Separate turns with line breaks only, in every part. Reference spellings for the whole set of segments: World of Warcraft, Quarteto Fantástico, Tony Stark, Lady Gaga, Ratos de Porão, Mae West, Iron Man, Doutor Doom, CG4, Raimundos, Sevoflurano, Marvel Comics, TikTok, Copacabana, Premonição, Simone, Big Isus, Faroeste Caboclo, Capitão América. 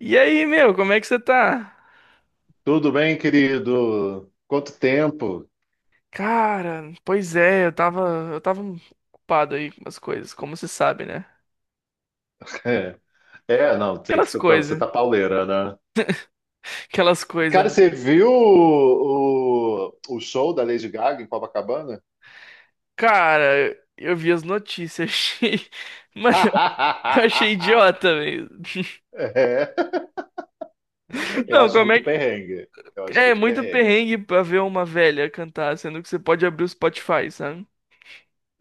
E aí, meu, como é que você tá?
Tudo bem, querido? Quanto tempo?
Cara, pois é, eu tava ocupado aí com as coisas, como você sabe, né?
É, é, não, tem que
Aquelas
ser pra você
coisas,
tá pauleira, né?
aquelas coisas,
Cara,
né?
você viu o show da Lady Gaga em Copacabana?
Cara, eu vi as notícias, achei... Mano, eu achei idiota, velho.
É, eu
Não,
acho
como
muito
é que...
perrengue. Eu acho
É
muito
muito
perrengue.
perrengue pra ver uma velha cantar, sendo que você pode abrir o Spotify, sabe?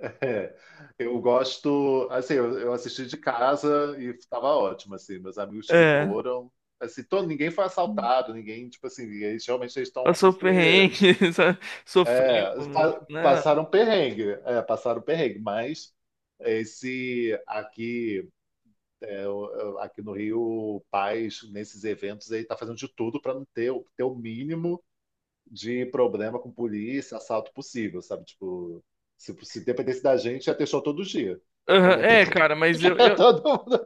É, eu gosto, assim, eu assisti de casa e tava ótimo, assim, meus amigos que
É,
foram, assim, todo, ninguém foi assaltado, ninguém, tipo assim, eles realmente estão
passou
super.
perrengue, sabe? Sofreu,
É,
né?
passaram perrengue, é, passaram perrengue, mas esse aqui, é, é, aqui no Rio, o Paz, nesses eventos aí, tá fazendo de tudo para não ter, ter o mínimo de problema com polícia, assalto possível, sabe? Tipo, se dependesse da gente, ia ter show todo dia, para
Aham,
não
é,
ter
cara, mas eu, eu,
todo mundo.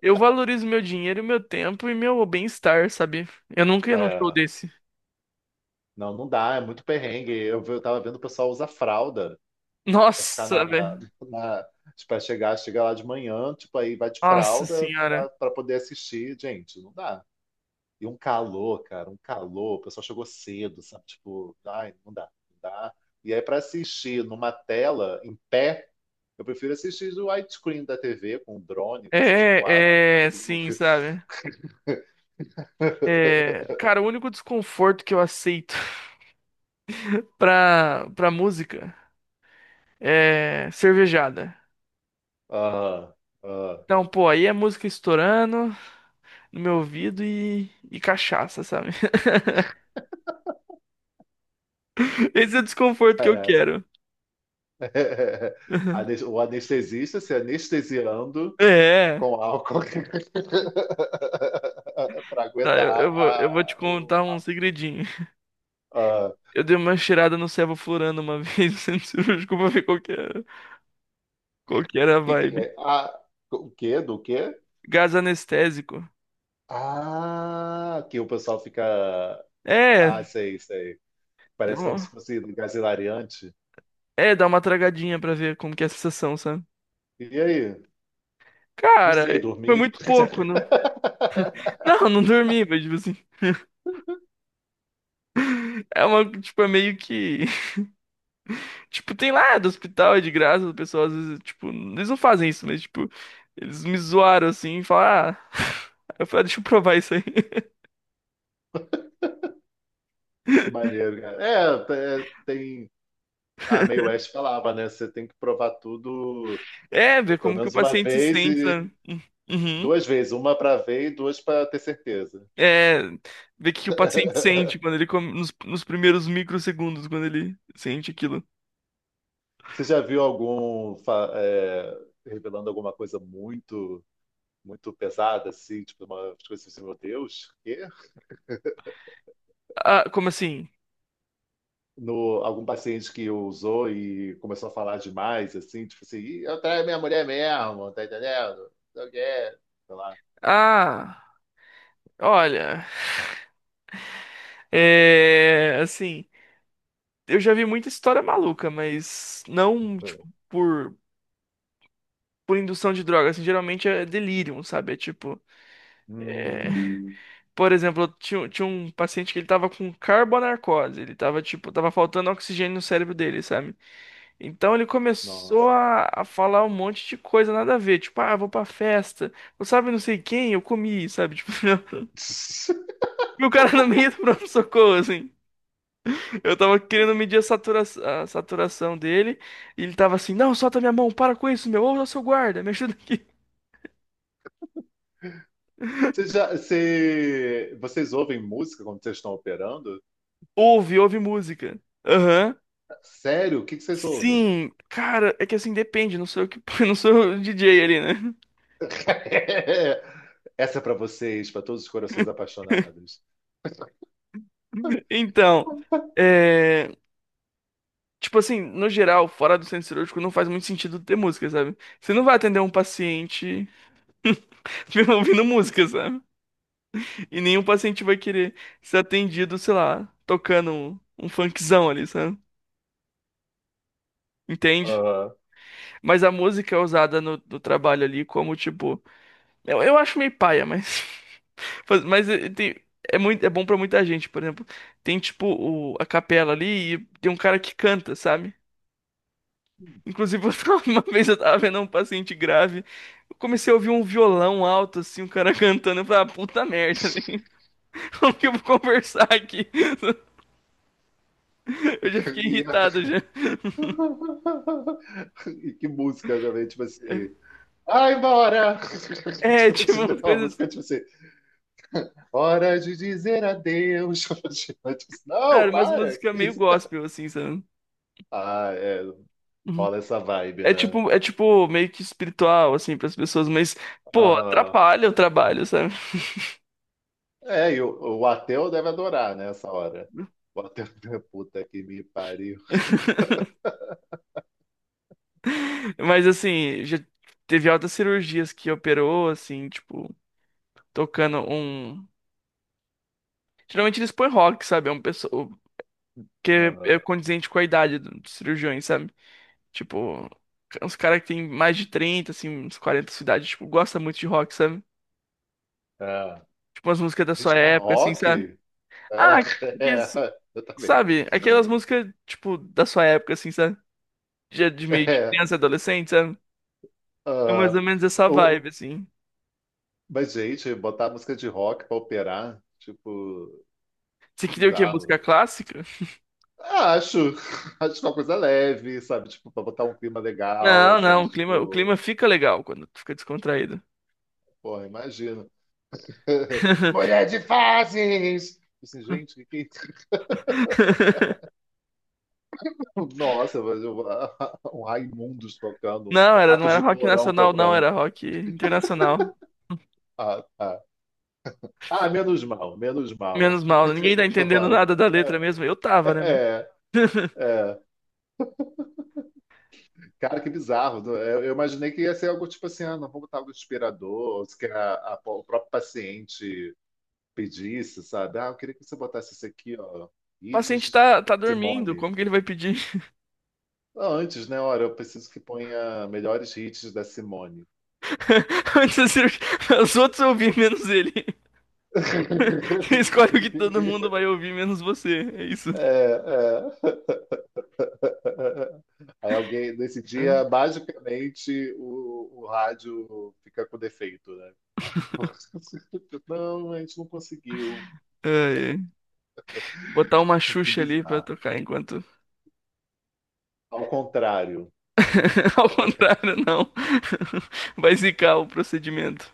eu valorizo meu dinheiro, meu tempo e meu bem-estar, sabe? Eu nunca ia num show
É,
desse.
não, não dá, é muito perrengue. Eu tava vendo o pessoal usar fralda. Pra ficar
Nossa,
na,
velho.
na tipo, pra chegar, chega lá de manhã, tipo, aí vai de
Nossa
fralda pra,
senhora.
pra poder assistir. Gente, não dá. E um calor, cara, um calor. O pessoal chegou cedo, sabe? Tipo, ai, não dá, não dá. E aí, pra assistir numa tela, em pé, eu prefiro assistir o widescreen da TV com o drone, com a CG4,
É, é,
sobre os morros.
sim, sabe? É, cara, o único desconforto que eu aceito pra música é cervejada.
Ah, ah,
Então, pô, aí é música estourando no meu ouvido e cachaça, sabe? Esse é o desconforto que eu
cara.
quero.
O anestesista se anestesiando
É,
com álcool. para
tá,
aguentar
eu vou te contar um segredinho.
a,
Eu dei uma cheirada no Sevoflurano uma vez, no centro cirúrgico, pra ver qual que era a
que
vibe.
é? A, o quê? Do quê?
Gás anestésico.
Ah, que o pessoal fica.
É,
Ah, sei, sei.
deu
Parece como se
uma-
fosse um gás hilariante.
é, dá uma tragadinha pra ver como que é a sensação, sabe?
E aí? Não
Cara,
sei,
foi
dormir.
muito pouco, não. Não, não dormi, mas tipo assim, é uma, tipo, é meio que, tipo, tem lá do hospital, é de graça, o pessoal às vezes, tipo, eles não fazem isso, mas tipo, eles me zoaram assim, e falaram, ah, eu falei, "Ah, deixa eu provar isso aí."
Que maneiro, cara. É, é, tem. A Mae West falava, né? Você tem que provar tudo
É, ver
pelo
como que o
menos uma
paciente se
vez
sente,
e
sabe? Uhum.
duas vezes, uma para ver e duas para ter certeza.
É, ver o que que o paciente sente quando ele come, nos primeiros microsegundos, quando ele sente aquilo.
Você já viu algum revelando alguma coisa muito muito pesada, assim, tipo, uma coisa assim, meu Deus, quê?
Ah, como assim?
No, algum paciente que usou e começou a falar demais, assim, tipo assim, "Ih, eu traio minha mulher mesmo, tá entendendo? Não quero, sei lá.
Ah, olha, é, assim, eu já vi muita história maluca, mas não, tipo, por indução de droga, assim, geralmente é delírio, sabe? É tipo,
Hum,
por exemplo, eu tinha um paciente que ele tava com carbonarcose, ele tava, tipo, tava faltando oxigênio no cérebro dele, sabe? Então ele começou
nossa.
a falar um monte de coisa nada a ver, tipo, ah, vou pra festa, eu sabe não sei quem, eu comi, sabe? Tipo, e o cara no meio do pronto-socorro, assim. Eu tava querendo medir a saturação dele, e ele tava assim, não, solta minha mão, para com isso, meu, ouça seu guarda, me ajuda aqui.
Vocês ouvem música quando vocês estão operando?
Ouve, ouve música. Aham.
Sério? O que que vocês ouvem?
Sim, cara, é que assim depende, não sou eu que, não sou o DJ ali, né?
Essa é pra vocês, pra todos os corações apaixonados.
Então, é. Tipo assim, no geral, fora do centro cirúrgico, não faz muito sentido ter música, sabe? Você não vai atender um paciente ouvindo música, sabe? E nenhum paciente vai querer ser atendido, sei lá, tocando um funkzão ali, sabe? Entende?
Aham.
Mas a música é usada no trabalho ali como, tipo. Eu acho meio paia, mas. Mas é muito, é bom pra muita gente, por exemplo. Tem, tipo, a capela ali e tem um cara que canta, sabe? Inclusive, uma vez eu tava vendo um paciente grave, eu comecei a ouvir um violão alto, assim, um cara cantando, eu falei, ah, puta merda, velho. Como que eu vou conversar aqui?
E
Eu já
que-
fiquei
e-
irritado já.
E que música também, tipo assim. Vai embora!
É,
Tipo,
tipo,
te dá
umas
uma
coisas
música,
assim,
tipo assim, hora de dizer adeus. Tipo assim,
cara,
Não,
umas
para! Que
músicas meio
isso?
gospel, assim, sabe?
Ah, é,
Uhum.
rola essa vibe, né?
É tipo meio que espiritual, assim, pras pessoas, mas, pô,
Aham.
atrapalha o trabalho, sabe?
É, e o ateu deve adorar, né, essa hora. O ateu, puta que me pariu.
Mas, assim, já teve altas cirurgias que operou, assim, tipo, tocando um... Geralmente eles põem rock, sabe? É um pessoal que é
Aham.
condizente com a idade dos cirurgiões, sabe? Tipo, é uns caras que tem mais de 30 assim, uns 40 de idade, tipo, gosta muito de rock, sabe?
É.
Tipo, umas músicas da sua
Gente, mas
época, assim, sabe?
rock? É,
Ah, que isso-
é, exatamente.
sabe? Aquelas músicas, tipo, da sua época, assim, sabe? Já de meio de
É,
criança, adolescente, sabe? É mais
ah,
ou menos essa
o,
vibe, assim.
Mas, gente, botar música de rock pra operar, tipo,
Você queria o quê?
bizarro.
Música clássica?
Ah, acho, acho é uma coisa leve, sabe? Tipo, pra botar um clima legal,
Não,
sabe?
não, o clima, o
Tipo,
clima fica legal quando tu fica descontraído.
porra, imagino. Mulher de fases! Tipo assim, gente, é isso? Nossa, um Raimundos tocando,
Não,
um
não
Ratos
era
de
rock
Porão
nacional, não,
tocando.
era rock internacional.
Ah, tá. Ah, menos mal, menos mal.
Menos mal, né? Ninguém tá entendendo
Vale.
nada da letra mesmo. Eu tava, né, mas...
É. Cara, que bizarro. Eu imaginei que ia ser algo tipo assim, ah, não vamos botar algo inspirador, ou se que o próprio paciente pedisse, sabe? Ah, eu queria que você botasse isso aqui, ó,
O paciente
hits da
tá dormindo,
Simone.
como que ele vai pedir?
Ah, antes, né? Hora eu preciso que ponha melhores hits da Simone.
Antes da cirurgia, os outros ouvir menos ele. Ele escolhe o que todo mundo vai ouvir, menos você. É isso.
É, é. Aí alguém, nesse
É,
dia, basicamente, o rádio fica com defeito, né? Não, a gente não conseguiu.
ai, ai. Botar uma
Que
Xuxa ali pra
bizarro.
tocar enquanto.
Ao contrário,
Ao
pra tocar.
contrário, não. Vai zicar o procedimento.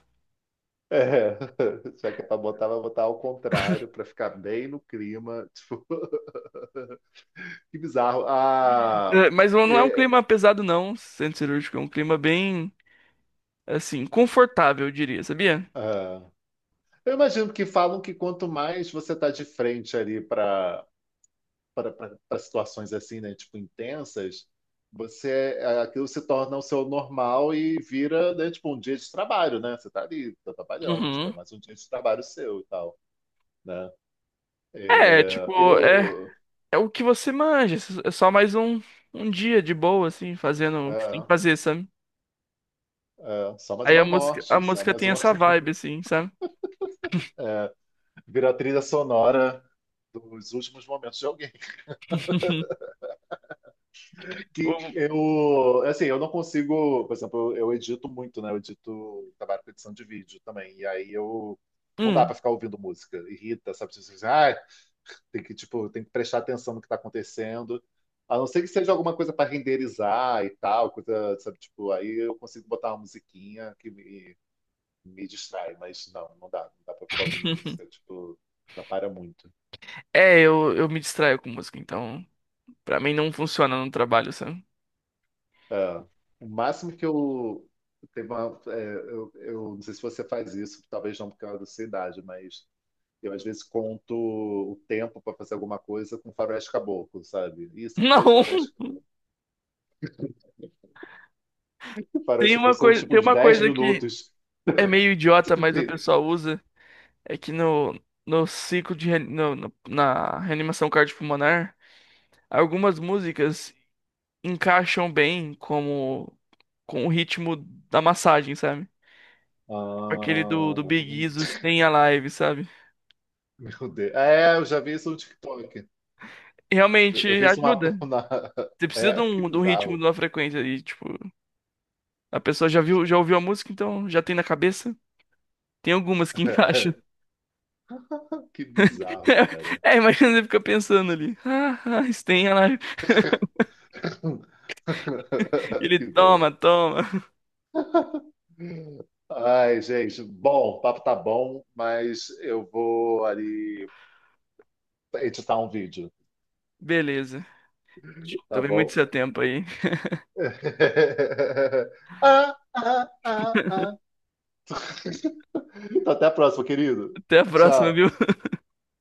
É, só que é pra botar, vai botar ao contrário, pra ficar bem no clima. Tipo, que bizarro. Ah,
É, mas não é um
é, é,
clima pesado, não, centro cirúrgico. É um clima bem, assim, confortável, eu diria, sabia?
ah, eu imagino que falam que quanto mais você tá de frente ali para situações assim, né, tipo intensas, você aquilo se torna o seu normal e vira, né, tipo um dia de trabalho, né? Você tá ali, tá trabalhando, tipo, é
Uhum.
mais um dia de trabalho seu e tal, né?
É,
É,
tipo, é,
eu,
é o que você manja. É só mais um, um dia de boa, assim, fazendo o que tem que
é.
fazer, sabe?
É, só mais
Aí a
uma
música, a
morte, só
música
mais
tem
uma.
essa vibe, assim, sabe?
É, vira a trilha sonora dos últimos momentos de alguém. Que
O-
eu, assim, eu não consigo, por exemplo, eu edito muito, né? Eu edito, trabalho com edição de vídeo também. E aí eu não dá
hum.
pra ficar ouvindo música, irrita, sabe? Você diz, ah, tem que, tipo, tem que prestar atenção no que tá acontecendo. A não ser que seja alguma coisa para renderizar e tal, coisa, sabe, tipo, aí eu consigo botar uma musiquinha que me distrai, mas não, não dá. Não dá pra ficar ouvindo música, tipo, atrapalha muito.
É, eu me distraio com música, então pra mim não funciona no trabalho, sabe?
Ah, o máximo que eu. Teve uma, eu não sei se você faz isso, talvez não por causa da sua idade, mas eu às vezes conto o tempo para fazer alguma coisa com faroeste caboclo, sabe? Ih, são
Não,
três faroeste caboclo. Faroeste caboclo são tipo
tem
uns
uma
dez
coisa que
minutos.
é meio idiota, mas o pessoal usa, é que no, no ciclo de re- no- no- na reanimação cardiopulmonar, algumas músicas encaixam bem como com o ritmo da massagem, sabe? Tipo aquele do
Ah,
Big Isus tem a live, sabe?
meu Deus. É, eu já vi isso no TikTok.
E realmente
Eu vi isso
ajuda.
na...
Você precisa
É, que
de um ritmo,
bizarro.
de uma frequência e tipo, a pessoa já viu, já ouviu a música, então já tem na cabeça. Tem algumas que encaixam.
Que bizarro, cara.
É, imagina você fica pensando ali. Ah, isso tem a live. Ele
Que bom.
toma, toma.
Ai, gente, bom, o papo tá bom, mas eu vou ali editar um vídeo,
Beleza.
tá
Também muito
bom?
seu tempo aí.
Ah. Então, até a próxima, querido.
Até a próxima, viu?
Tchau.